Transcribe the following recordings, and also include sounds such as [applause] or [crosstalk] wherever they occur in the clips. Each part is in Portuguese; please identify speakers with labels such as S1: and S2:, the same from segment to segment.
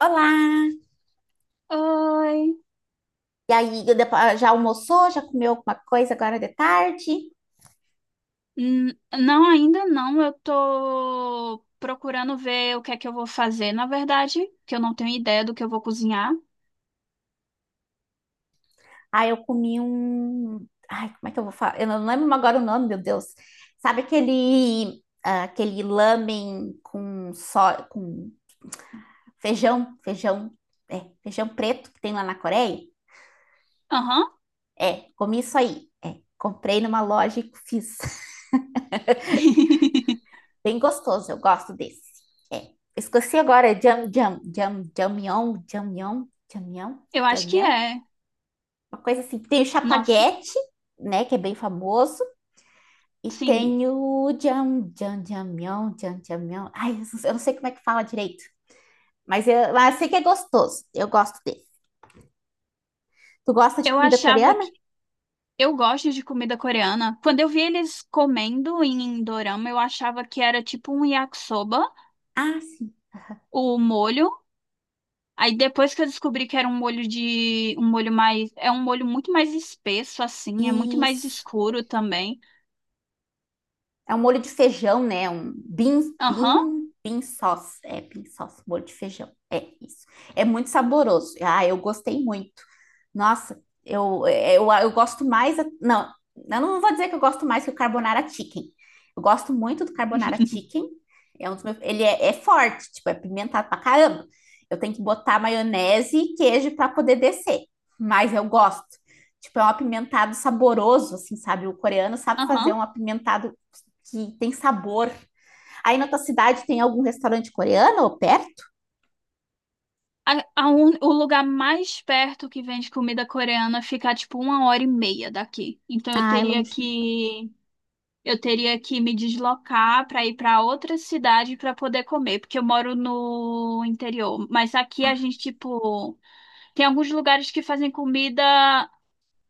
S1: Olá!
S2: Oi.
S1: E aí, já almoçou? Já comeu alguma coisa agora de tarde?
S2: Hum, Não, ainda não. Eu tô procurando ver o que é que eu vou fazer, na verdade, que eu não tenho ideia do que eu vou cozinhar.
S1: Ah, eu comi um. Ai, como é que eu vou falar? Eu não lembro agora o nome, meu Deus. Sabe aquele lamen com feijão, feijão, feijão preto que tem lá na Coreia?
S2: Aham.
S1: É, comi isso aí. É, comprei numa loja e fiz. [laughs]
S2: [laughs]
S1: Bem gostoso, eu gosto desse. É, esqueci agora, jamion, jamion, jamion,
S2: Eu acho que
S1: jamion.
S2: é.
S1: Uma coisa assim. Tem o
S2: Nossa,
S1: Chapaguete, né, que é bem famoso, e
S2: sim.
S1: tem o Jamião. Ai, eu não sei como é que fala direito, mas eu sei que é gostoso. Eu gosto dele. Tu gosta de
S2: Eu
S1: comida
S2: achava
S1: coreana?
S2: que eu gosto de comida coreana. Quando eu vi eles comendo em dorama, eu achava que era tipo um yakisoba,
S1: Ah,
S2: o molho. Aí depois que eu descobri que era um molho de um molho mais, é um molho muito mais espesso assim, é muito mais
S1: isso.
S2: escuro também.
S1: É um molho de feijão, né? Um bean,
S2: Aham.
S1: bean, bean sauce. É, bean sauce, molho de feijão. É isso. É muito saboroso. Ah, eu gostei muito. Nossa, eu gosto mais. Não, eu não vou dizer que eu gosto mais que o carbonara chicken. Eu gosto muito do carbonara chicken. Ele é forte, tipo, é pimentado pra caramba. Eu tenho que botar maionese e queijo para poder descer. Mas eu gosto. Tipo, é um apimentado saboroso, assim, sabe? O coreano sabe fazer
S2: Aham.
S1: um apimentado que tem sabor. Aí na tua cidade tem algum restaurante coreano ou perto?
S2: O lugar mais perto que vende comida coreana fica tipo 1 hora e meia daqui. Então eu
S1: Ah, é
S2: teria
S1: longe.
S2: que eu teria que me deslocar para ir para outra cidade para poder comer, porque eu moro no interior. Mas aqui a gente tipo tem alguns lugares que fazem comida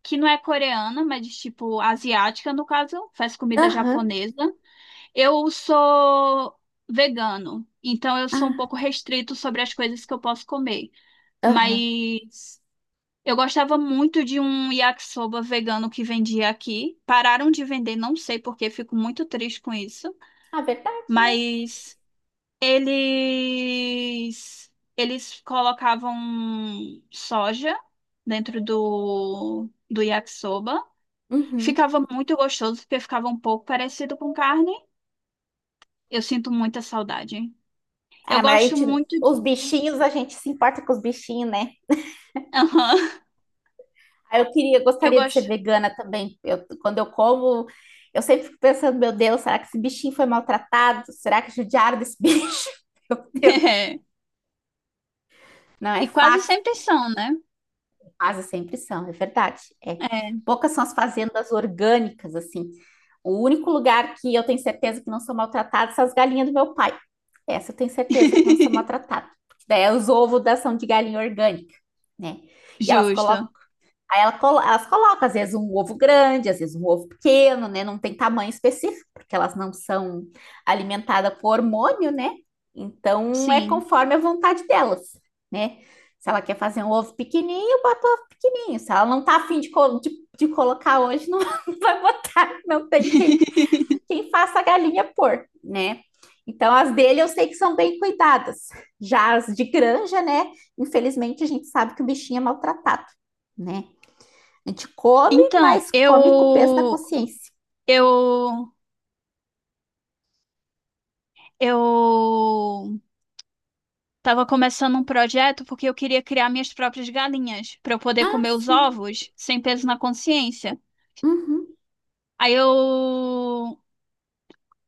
S2: que não é coreana, mas tipo asiática no caso, faz comida
S1: Aham.
S2: japonesa. Eu sou vegano, então eu sou um pouco
S1: Ah,
S2: restrito sobre as coisas que eu posso comer.
S1: aham.
S2: Mas eu gostava muito de um yakisoba vegano que vendia aqui. Pararam de vender, não sei porque, fico muito triste com isso.
S1: Ah, verdade, né?
S2: Mas eles eles colocavam soja dentro do yakisoba.
S1: Uhum.
S2: Ficava muito gostoso porque ficava um pouco parecido com carne. Eu sinto muita saudade. Eu
S1: Ah, mas a
S2: gosto
S1: gente,
S2: muito de
S1: os bichinhos, a gente se importa com os bichinhos, né?
S2: [laughs] Aham,
S1: Ah,
S2: eu
S1: gostaria de ser
S2: gosto.
S1: vegana também. Quando eu como, eu sempre fico pensando, meu Deus, será que esse bichinho foi maltratado? Será que judiaram desse bicho? [laughs] Meu Deus,
S2: [laughs]
S1: não é
S2: E quase
S1: fácil.
S2: sempre são, né?
S1: Quase sempre são, é verdade. É.
S2: É.
S1: Poucas são as fazendas orgânicas, assim. O único lugar que eu tenho certeza que não são maltratadas são as galinhas do meu pai. Essa eu tenho certeza que não são
S2: [laughs]
S1: maltratadas. Porque daí é os ovos da são de galinha orgânica, né? E elas
S2: Justo.
S1: colocam. Elas colocam, às vezes, um ovo grande, às vezes um ovo pequeno, né? Não tem tamanho específico, porque elas não são alimentadas com hormônio, né? Então é
S2: Sim.
S1: conforme a vontade delas, né? Se ela quer fazer um ovo pequenininho, bota um ovo pequenininho. Se ela não tá afim de colocar hoje, não [laughs] não vai botar. Não tem quem,
S2: [laughs]
S1: quem faça a galinha pôr, né? Então as dele eu sei que são bem cuidadas. Já as de granja, né? Infelizmente a gente sabe que o bichinho é maltratado, né? A gente come,
S2: Então,
S1: mas come com peso na consciência.
S2: eu eu tava começando um projeto porque eu queria criar minhas próprias galinhas para eu poder
S1: Ah,
S2: comer os
S1: sim.
S2: ovos sem peso na consciência.
S1: Uhum.
S2: Aí eu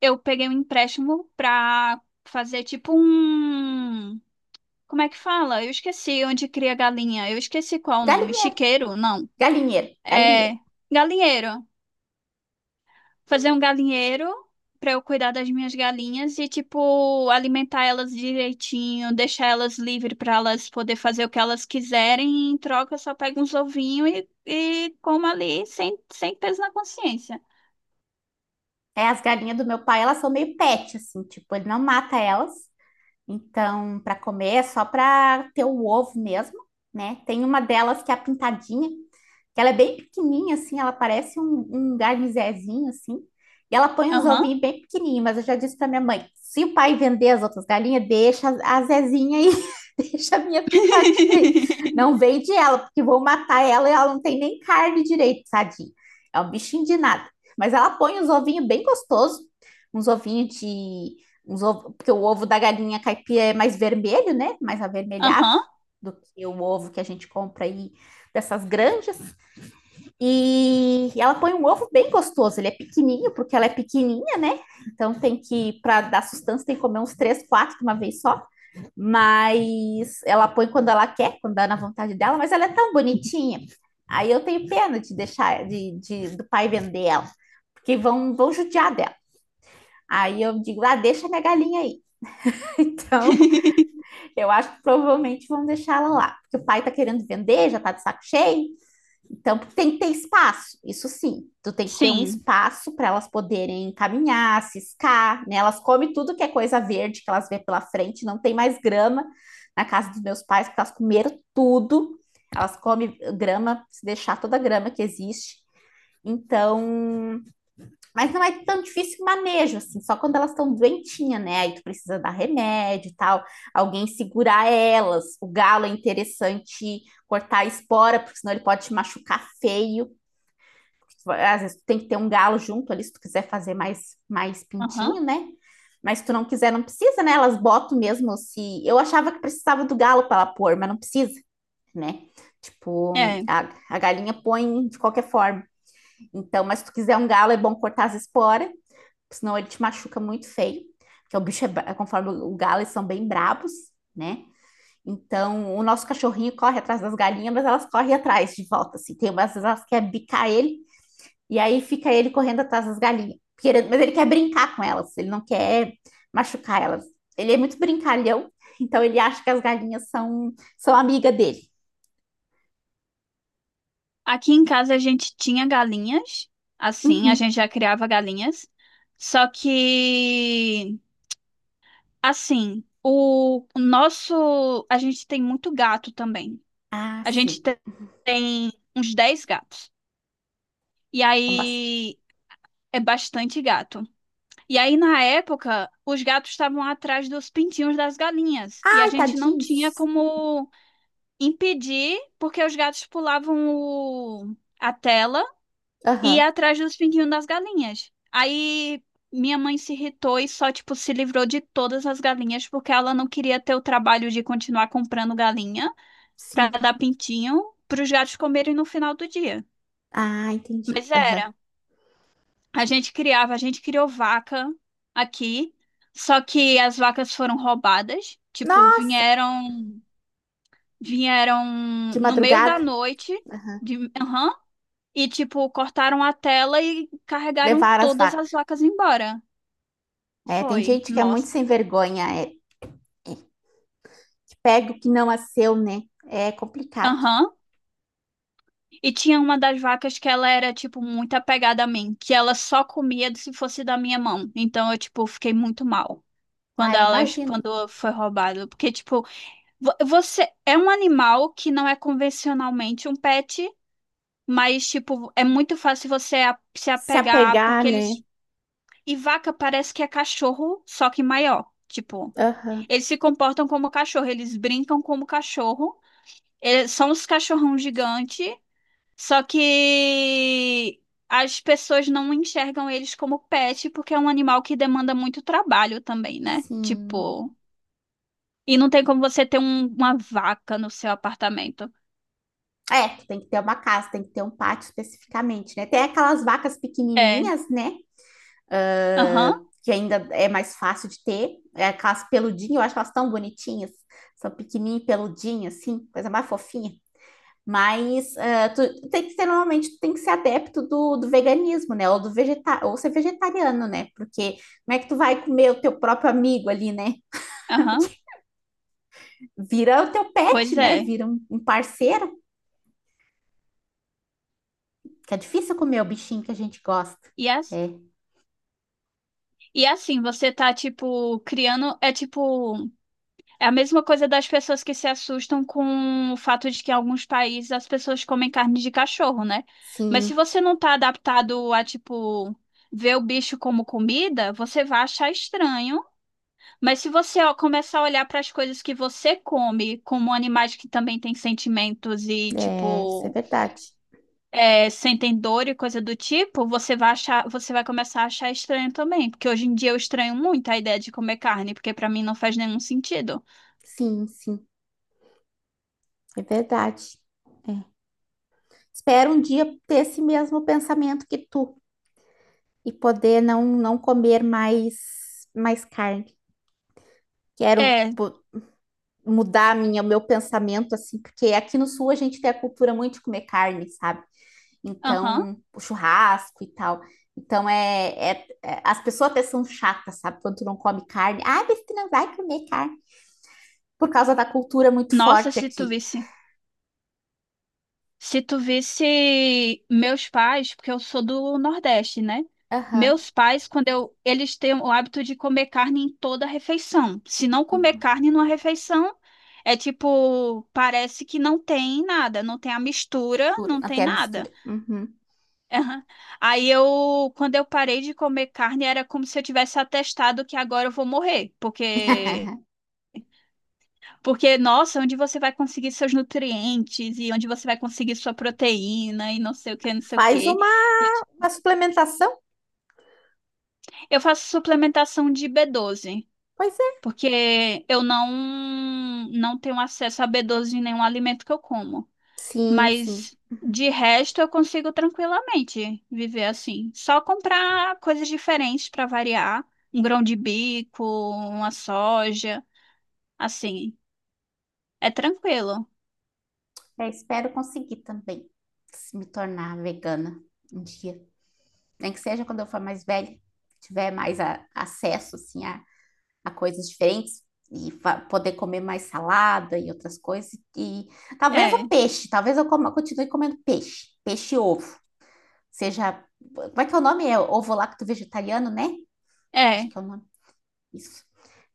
S2: eu peguei um empréstimo para fazer tipo um. Como é que fala? Eu esqueci onde cria galinha. Eu esqueci qual o nome.
S1: Galinheiro,
S2: Chiqueiro? Não.
S1: galinheiro, galinheiro.
S2: É galinheiro. Fazer um galinheiro pra eu cuidar das minhas galinhas e, tipo, alimentar elas direitinho, deixar elas livres pra elas poder fazer o que elas quiserem. E em troca, eu só pego uns ovinhos e como ali sem, sem peso na consciência.
S1: É, as galinhas do meu pai, elas são meio pet, assim, tipo, ele não mata elas. Então, para comer é só para ter o ovo mesmo, né? Tem uma delas que é a pintadinha, que ela é bem pequenininha, assim, ela parece um garnizezinho, assim. E ela põe uns
S2: Aham.
S1: ovinhos bem pequenininhos, mas eu já disse para minha mãe, se o pai vender as outras galinhas, deixa a Zezinha aí, [laughs] deixa a minha pintadinha aí. Não
S2: [laughs]
S1: vende ela, porque vou matar ela e ela não tem nem carne direito, tadinha. É um bichinho de nada. Mas ela põe uns ovinhos bem gostosos, uns ovinhos de uns ovo, porque o ovo da galinha caipira é mais vermelho, né? Mais avermelhado
S2: Aham.
S1: do que o ovo que a gente compra aí dessas granjas. E ela põe um ovo bem gostoso, ele é pequenininho, porque ela é pequenininha, né? Então tem que, para dar sustância, tem que comer uns três, quatro de uma vez só. Mas ela põe quando ela quer, quando dá na vontade dela, mas ela é tão bonitinha. Aí eu tenho pena de deixar, de do pai vender ela, porque vão judiar dela. Aí eu digo, ah, deixa minha galinha aí. [laughs] Então,
S2: [laughs]
S1: eu acho que provavelmente vão deixar ela lá, porque o pai tá querendo vender, já tá de saco cheio. Então tem que ter espaço, isso sim. Tu tem que ter um
S2: Sim.
S1: espaço para elas poderem caminhar, ciscar, né? Elas comem tudo que é coisa verde que elas vê pela frente, não tem mais grama na casa dos meus pais, porque elas comeram tudo. Elas comem grama, se deixar toda a grama que existe. Então, mas não é tão difícil o manejo, assim, só quando elas estão doentinhas, né? Aí tu precisa dar remédio e tal, alguém segurar elas. O galo é interessante cortar a espora, porque senão ele pode te machucar feio. Às vezes tu tem que ter um galo junto ali, se tu quiser fazer mais
S2: Aham.
S1: pintinho, né? Mas se tu não quiser, não precisa, né? Elas botam mesmo se. Eu achava que precisava do galo para ela pôr, mas não precisa, né? Tipo,
S2: É.
S1: a galinha põe de qualquer forma. Então, mas se tu quiser um galo, é bom cortar as esporas senão ele te machuca muito feio, porque o bicho é, conforme o galo, eles são bem brabos, né? Então, o nosso cachorrinho corre atrás das galinhas, mas elas correm atrás de volta, assim. Tem umas vezes elas querem bicar ele, e aí fica ele correndo atrás das galinhas. Querendo, mas ele quer brincar com elas, ele não quer machucar elas. Ele é muito brincalhão, [laughs] então ele acha que as galinhas são amiga dele.
S2: Aqui em casa a gente tinha galinhas, assim, a
S1: Uhum.
S2: gente já criava galinhas. Só que, assim, o nosso. A gente tem muito gato também.
S1: Ah,
S2: A gente
S1: sim.
S2: te- tem uns 10 gatos. E
S1: São bastante.
S2: aí é bastante gato. E aí, na época, os gatos estavam atrás dos pintinhos das galinhas. E a
S1: Ai,
S2: gente não tinha
S1: tadinhos.
S2: como impedir, porque os gatos pulavam a tela e
S1: Aham,
S2: ia
S1: uhum.
S2: atrás dos pinguinhos das galinhas. Aí minha mãe se irritou e só, tipo, se livrou de todas as galinhas, porque ela não queria ter o trabalho de continuar comprando galinha pra
S1: Sim.
S2: dar pintinho pros gatos comerem no final do dia.
S1: Ah, entendi.
S2: Mas
S1: Aham.
S2: era. A gente criava, a gente criou vaca aqui, só que as vacas foram roubadas. Tipo,
S1: Nossa,
S2: vieram
S1: de
S2: no meio da
S1: madrugada.
S2: noite,
S1: Aham.
S2: de, aham, e tipo, cortaram a tela e carregaram
S1: Levar as
S2: todas as
S1: vacas.
S2: vacas embora.
S1: É, tem
S2: Foi,
S1: gente que é muito
S2: nossa.
S1: sem vergonha, é, que pega o que não é seu, né? É complicado.
S2: Aham. E tinha uma das vacas que ela era, tipo, muito apegada a mim, que ela só comia se fosse da minha mão. Então eu, tipo, fiquei muito mal quando
S1: Ah,
S2: elas,
S1: imagino.
S2: quando foi roubado. Porque, tipo, você é um animal que não é convencionalmente um pet, mas, tipo, é muito fácil você se
S1: Se
S2: apegar,
S1: apegar,
S2: porque
S1: né?
S2: eles. E vaca parece que é cachorro, só que maior. Tipo,
S1: Aham,
S2: eles se comportam como cachorro, eles brincam como cachorro. Eles são os cachorrão gigante. Só que as pessoas não enxergam eles como pet porque é um animal que demanda muito trabalho também, né?
S1: sim.
S2: Tipo, e não tem como você ter uma vaca no seu apartamento.
S1: É, que tem que ter uma casa, tem que ter um pátio especificamente, né? Tem aquelas vacas
S2: É,
S1: pequenininhas, né? Ah,
S2: aham,
S1: que ainda é mais fácil de ter. É aquelas peludinhas, eu acho elas tão bonitinhas. São pequenininhas, e peludinhas, assim, coisa mais fofinha. Mas ah, tu tem que ser, normalmente, tu tem que ser adepto do veganismo, né? Ou ser vegetariano, né? Porque como é que tu vai comer o teu próprio amigo ali, né?
S2: aham,
S1: Vira o teu pet,
S2: pois
S1: né?
S2: é.
S1: Vira um parceiro, que é difícil comer o bichinho que a gente gosta.
S2: E, as,
S1: É.
S2: e assim, você tá, tipo, criando. É tipo. É a mesma coisa das pessoas que se assustam com o fato de que em alguns países as pessoas comem carne de cachorro, né? Mas
S1: Sim,
S2: se você não tá adaptado a, tipo, ver o bicho como comida, você vai achar estranho. Mas se você ó, começar a olhar para as coisas que você come como animais que também têm sentimentos e,
S1: é, isso é
S2: tipo,
S1: verdade.
S2: é, sentem dor e coisa do tipo, você vai achar, você vai começar a achar estranho também. Porque hoje em dia eu estranho muito a ideia de comer carne, porque para mim não faz nenhum sentido.
S1: Sim, sim, é verdade. É. Espero um dia ter esse mesmo pensamento que tu e poder não comer mais carne. Quero,
S2: É,
S1: mudar o meu pensamento, assim, porque aqui no Sul a gente tem a cultura muito de comer carne, sabe?
S2: aham.
S1: Então, o churrasco e tal. Então, as pessoas até são chatas, sabe? Quando tu não come carne. Ah, mas tu não vai comer carne. Por causa da cultura muito
S2: Nossa,
S1: forte
S2: se tu
S1: aqui.
S2: visse, se tu visse meus pais, porque eu sou do Nordeste, né?
S1: Aham.
S2: Meus pais, quando eu, eles têm o hábito de comer carne em toda refeição. Se não comer carne numa refeição, é tipo, parece que não tem nada, não tem a mistura,
S1: Mistura,
S2: não tem
S1: até a
S2: nada.
S1: mistura. Uhum.
S2: Aham. Aí eu, quando eu parei de comer carne, era como se eu tivesse atestado que agora eu vou morrer, porque.
S1: [laughs]
S2: Porque, nossa, onde você vai conseguir seus nutrientes e onde você vai conseguir sua proteína e não sei o que, não sei o
S1: Faz
S2: que.
S1: uma suplementação?
S2: Eu faço suplementação de B12,
S1: Pois é.
S2: porque eu não, não tenho acesso a B12 em nenhum alimento que eu como.
S1: Sim, sim.
S2: Mas, de resto, eu consigo tranquilamente viver assim. Só comprar coisas diferentes para variar. Um grão de bico, uma soja, assim. É tranquilo.
S1: É, espero conseguir também se me tornar vegana um dia. Nem que seja quando eu for mais velha, tiver mais acesso assim, a coisas diferentes e poder comer mais salada e outras coisas. E talvez o
S2: É,
S1: peixe, talvez continue comendo peixe e ovo. Seja, como é que é o nome? É ovo lacto vegetariano, né? Acho
S2: é.
S1: que é o nome. Isso.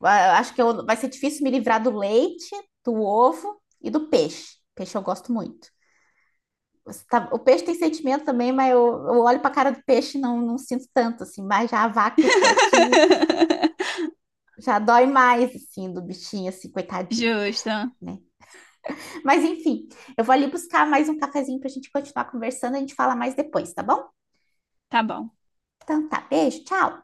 S1: Ah, acho que vai ser difícil me livrar do leite, do ovo e do peixe. Peixe eu gosto muito. O peixe tem sentimento também, mas eu olho para a cara do peixe e não sinto tanto, assim. Mas já a vaca e o porquinho
S2: [laughs]
S1: já dói mais, assim, do bichinho, assim, coitadinho,
S2: Justo.
S1: né? Mas enfim, eu vou ali buscar mais um cafezinho para a gente continuar conversando. A gente fala mais depois, tá bom?
S2: Tá bom.
S1: Então tá, beijo, tchau.